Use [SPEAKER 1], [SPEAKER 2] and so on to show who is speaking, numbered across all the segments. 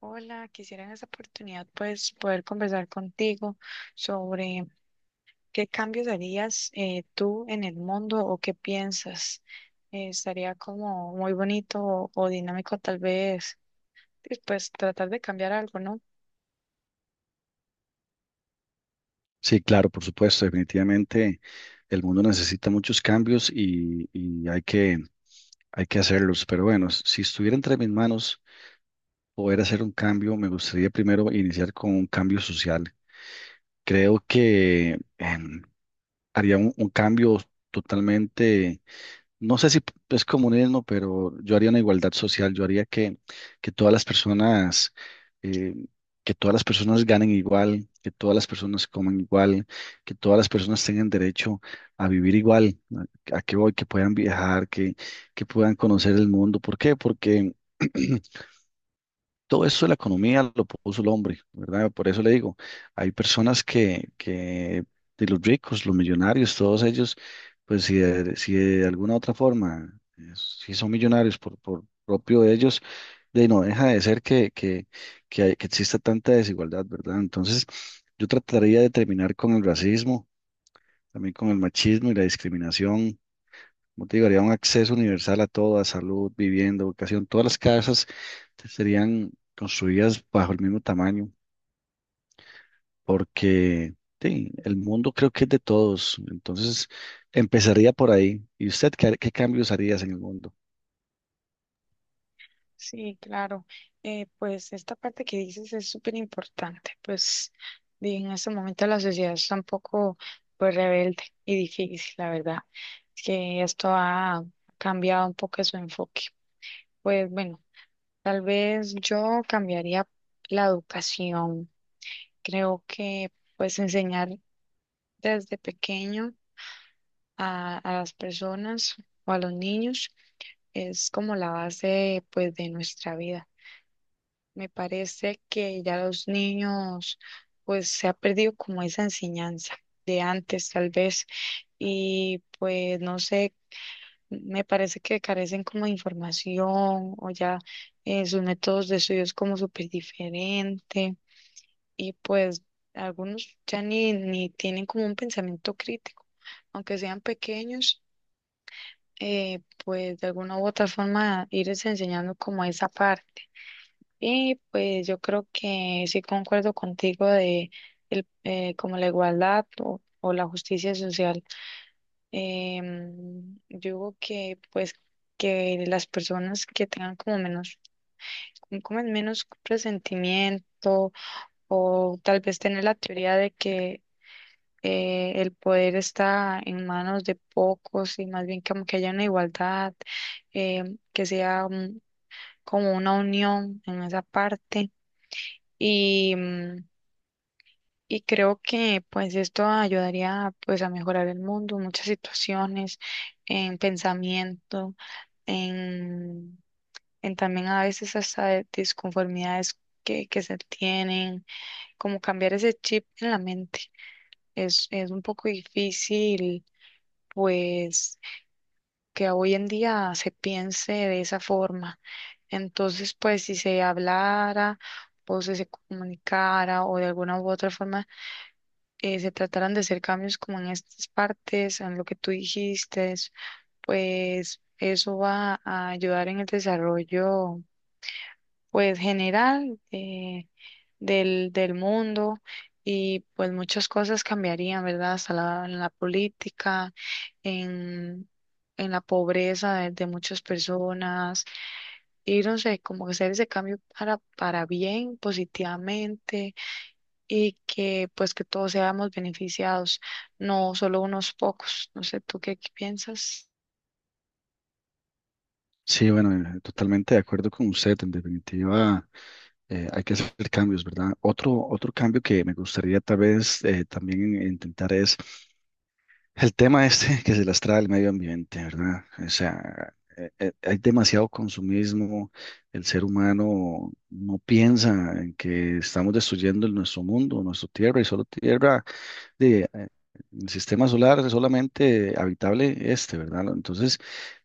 [SPEAKER 1] Hola, quisiera en esta oportunidad pues poder conversar contigo sobre qué cambios harías tú en el mundo o qué piensas. Estaría como muy bonito o dinámico tal vez, y, pues tratar de cambiar algo, ¿no?
[SPEAKER 2] Sí, claro, por supuesto, definitivamente el mundo necesita muchos cambios y hay que hacerlos. Pero bueno, si estuviera entre mis manos poder hacer un cambio, me gustaría primero iniciar con un cambio social. Creo que haría un cambio totalmente. No sé si es comunismo, pero yo haría una igualdad social. Yo haría que todas las personas, eh, que todas las personas ganen igual, que todas las personas coman igual, que todas las personas tengan derecho a vivir igual, a que hoy que puedan viajar, que puedan conocer el mundo. ¿Por qué? Porque todo eso de la economía lo puso el hombre, ¿verdad? Por eso le digo, hay personas que de los ricos, los millonarios, todos ellos, pues si de alguna otra forma, si son millonarios por propio de ellos, de no deja de ser que que exista tanta desigualdad, ¿verdad? Entonces, yo trataría de terminar con el racismo, también con el machismo y la discriminación. Como te digo, haría un acceso universal a todo, a salud, vivienda, educación. Todas las casas serían construidas bajo el mismo tamaño, porque sí, el mundo creo que es de todos. Entonces, empezaría por ahí. ¿Y usted qué, qué cambios harías en el mundo?
[SPEAKER 1] Sí, claro. Pues esta parte que dices es súper importante. Pues y en este momento la sociedad está un poco pues rebelde y difícil, la verdad. Es que esto ha cambiado un poco su enfoque. Pues bueno. Tal vez yo cambiaría la educación. Creo que pues enseñar desde pequeño a las personas o a los niños es como la base pues de nuestra vida. Me parece que ya los niños pues se ha perdido como esa enseñanza de antes tal vez y pues no sé, me parece que carecen como de información o ya sus métodos de estudio es como súper diferente. Y pues algunos ya ni tienen como un pensamiento crítico, aunque sean pequeños, pues de alguna u otra forma irles enseñando como esa parte. Y pues yo creo que sí concuerdo contigo de como la igualdad o la justicia social. Yo digo que pues que las personas que tengan como menos presentimiento o tal vez tener la teoría de que el poder está en manos de pocos y más bien como que haya una igualdad, que sea como una unión en esa parte. Y, mm, y creo que pues esto ayudaría pues a mejorar el mundo en muchas situaciones, en pensamiento, en, en también a veces hasta de disconformidades que se tienen, como cambiar ese chip en la mente. Es un poco difícil, pues que hoy en día se piense de esa forma. Entonces, pues si se hablara o si se comunicara o de alguna u otra forma se trataran de hacer cambios como en estas partes, en lo que tú dijiste, pues eso va a ayudar en el desarrollo pues del mundo y pues muchas cosas cambiarían, ¿verdad? Hasta la, en la política, en, en la pobreza de muchas personas y no sé, como que hacer ese cambio para bien, positivamente y que pues que todos seamos beneficiados, no solo unos pocos. No sé, ¿tú qué piensas?
[SPEAKER 2] Sí, bueno, totalmente de acuerdo con usted. En definitiva, hay que hacer cambios, ¿verdad? Otro cambio que me gustaría tal vez también intentar es el tema este que se las trae el medio ambiente, ¿verdad? O sea, hay demasiado consumismo, el ser humano no piensa en que estamos destruyendo nuestro mundo, nuestra tierra, y solo tierra de, eh, el sistema solar es solamente habitable este, ¿verdad? Entonces,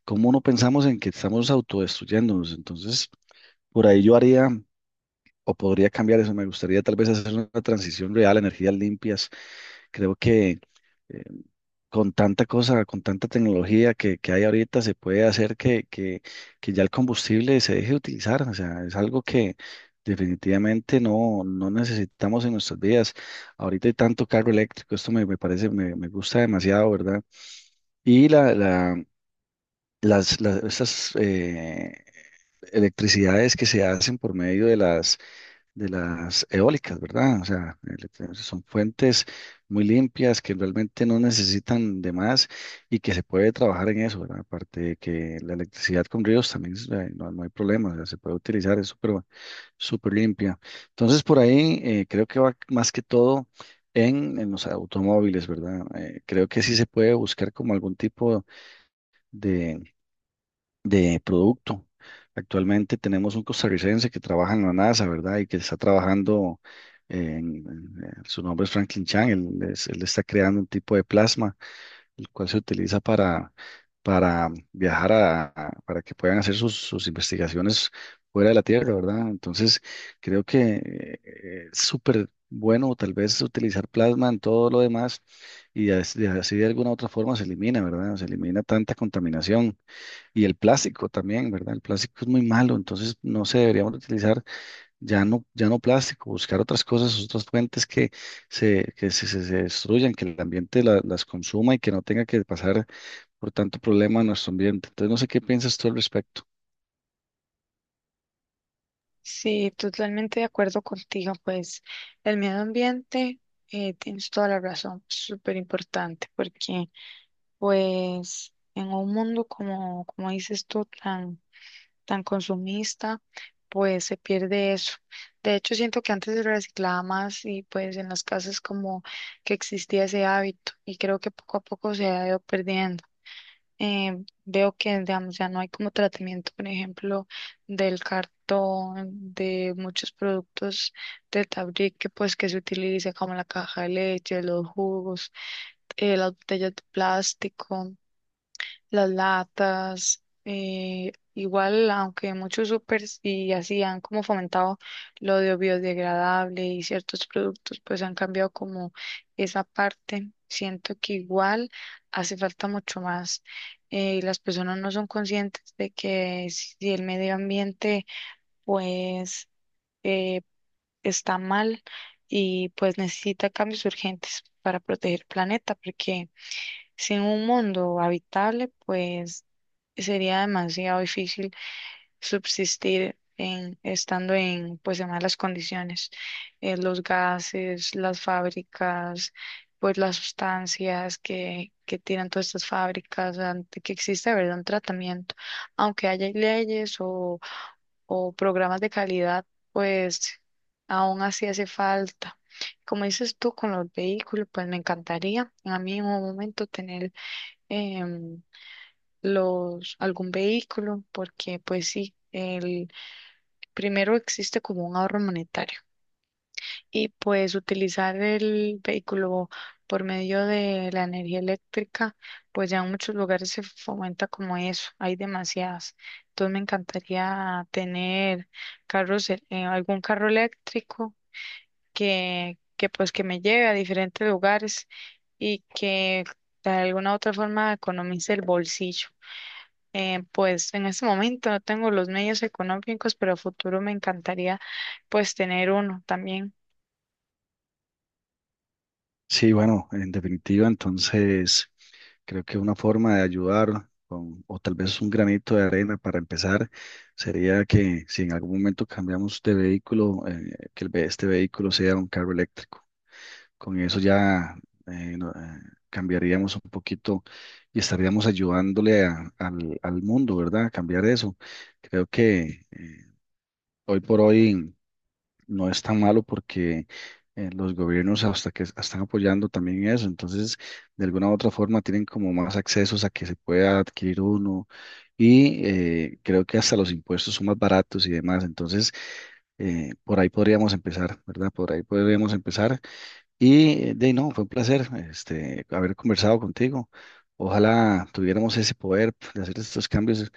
[SPEAKER 2] ¿cómo no pensamos en que estamos autodestruyéndonos? Entonces, por ahí yo haría... O podría cambiar eso. Me gustaría tal vez hacer una transición real, energías limpias. Creo que eh, con tanta cosa, con tanta tecnología que hay ahorita, se puede hacer que ya el combustible se deje de utilizar. O sea, es algo que definitivamente no necesitamos en nuestras vidas. Ahorita hay tanto carro eléctrico, esto me parece, me gusta demasiado, ¿verdad? Y las estas electricidades que se hacen por medio de las eólicas, ¿verdad? O sea, son fuentes muy limpias que realmente no necesitan de más y que se puede trabajar en eso, ¿verdad? Aparte de que la electricidad con ríos también es, no hay problema, o sea, se puede utilizar, es súper súper limpia. Entonces, por ahí creo que va más que todo en los automóviles, ¿verdad? Creo que sí se puede buscar como algún tipo de producto. Actualmente tenemos un costarricense que trabaja en la NASA, ¿verdad? Y que está trabajando, su nombre es Franklin Chang. Él, él está creando un tipo de plasma, el cual se utiliza para viajar para que puedan hacer sus investigaciones fuera de la Tierra, ¿verdad? Entonces, creo que es súper bueno tal vez utilizar plasma en todo lo demás y así de alguna otra forma se elimina, ¿verdad? Se elimina tanta contaminación. Y el plástico también, ¿verdad? El plástico es muy malo, entonces no se deberíamos de utilizar ya no, no plástico, buscar otras cosas, otras fuentes que se destruyan, que el ambiente las consuma y que no tenga que pasar por tanto problema a nuestro ambiente. Entonces no sé qué piensas tú al respecto.
[SPEAKER 1] Sí, totalmente de acuerdo contigo, pues el medio ambiente, tienes toda la razón, súper importante, porque pues en un mundo como, como dices tú, tan, tan consumista, pues se pierde eso. De hecho, siento que antes se reciclaba más y pues en las casas como que existía ese hábito y creo que poco a poco se ha ido perdiendo. Veo que, digamos, ya no hay como tratamiento, por ejemplo, del cartón, de muchos productos de tabrique, pues que se utiliza como la caja de leche, los jugos, las botellas de plástico, las latas, igual, aunque muchos supers y así han como fomentado lo de biodegradable y ciertos productos, pues han cambiado como esa parte. Siento que igual hace falta mucho más. Y las personas no son conscientes de que si el medio ambiente pues eh, está mal y pues necesita cambios urgentes para proteger el planeta, porque sin un mundo habitable, pues sería demasiado difícil subsistir en, estando en, pues, en malas condiciones. Los gases, las fábricas, pues las sustancias que tiran todas estas fábricas, ante que existe, ¿verdad? Un tratamiento. Aunque haya leyes o programas de calidad, pues aún así hace falta. Como dices tú con los vehículos, pues me encantaría a mí en un momento tener em, los, algún vehículo, porque pues sí, el primero existe como un ahorro monetario y pues utilizar el vehículo por medio de la energía eléctrica, pues ya en muchos lugares se fomenta como eso, hay demasiadas. Entonces me encantaría tener carros, algún carro eléctrico que pues que me lleve a diferentes lugares y que de alguna u otra forma economice el bolsillo. Pues en este momento no tengo los medios económicos, pero a futuro me encantaría pues tener uno también.
[SPEAKER 2] Sí, bueno, en definitiva, entonces creo que una forma de ayudar con, o tal vez un granito de arena para empezar, sería que si en algún momento cambiamos de vehículo, que el este vehículo sea un carro eléctrico. Con eso ya eh, no- eh, cambiaríamos un poquito y estaríamos ayudándole al mundo, ¿verdad? A cambiar eso. Creo que hoy por hoy no es tan malo porque los gobiernos hasta que están apoyando también eso. Entonces, de alguna u otra forma tienen como más accesos a que se pueda adquirir uno y creo que hasta los impuestos son más baratos y demás. Entonces, por ahí podríamos empezar, ¿verdad? Por ahí podríamos empezar y de ahí, no, fue un placer este, haber conversado contigo. Ojalá tuviéramos ese poder de hacer estos cambios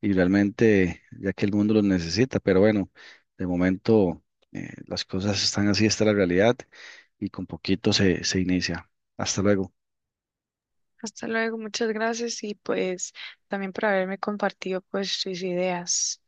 [SPEAKER 2] y realmente, ya que el mundo los necesita, pero bueno, de momento las cosas están así, está la realidad y con poquito se inicia. Hasta luego.
[SPEAKER 1] Hasta luego, muchas gracias y pues también por haberme compartido pues sus ideas.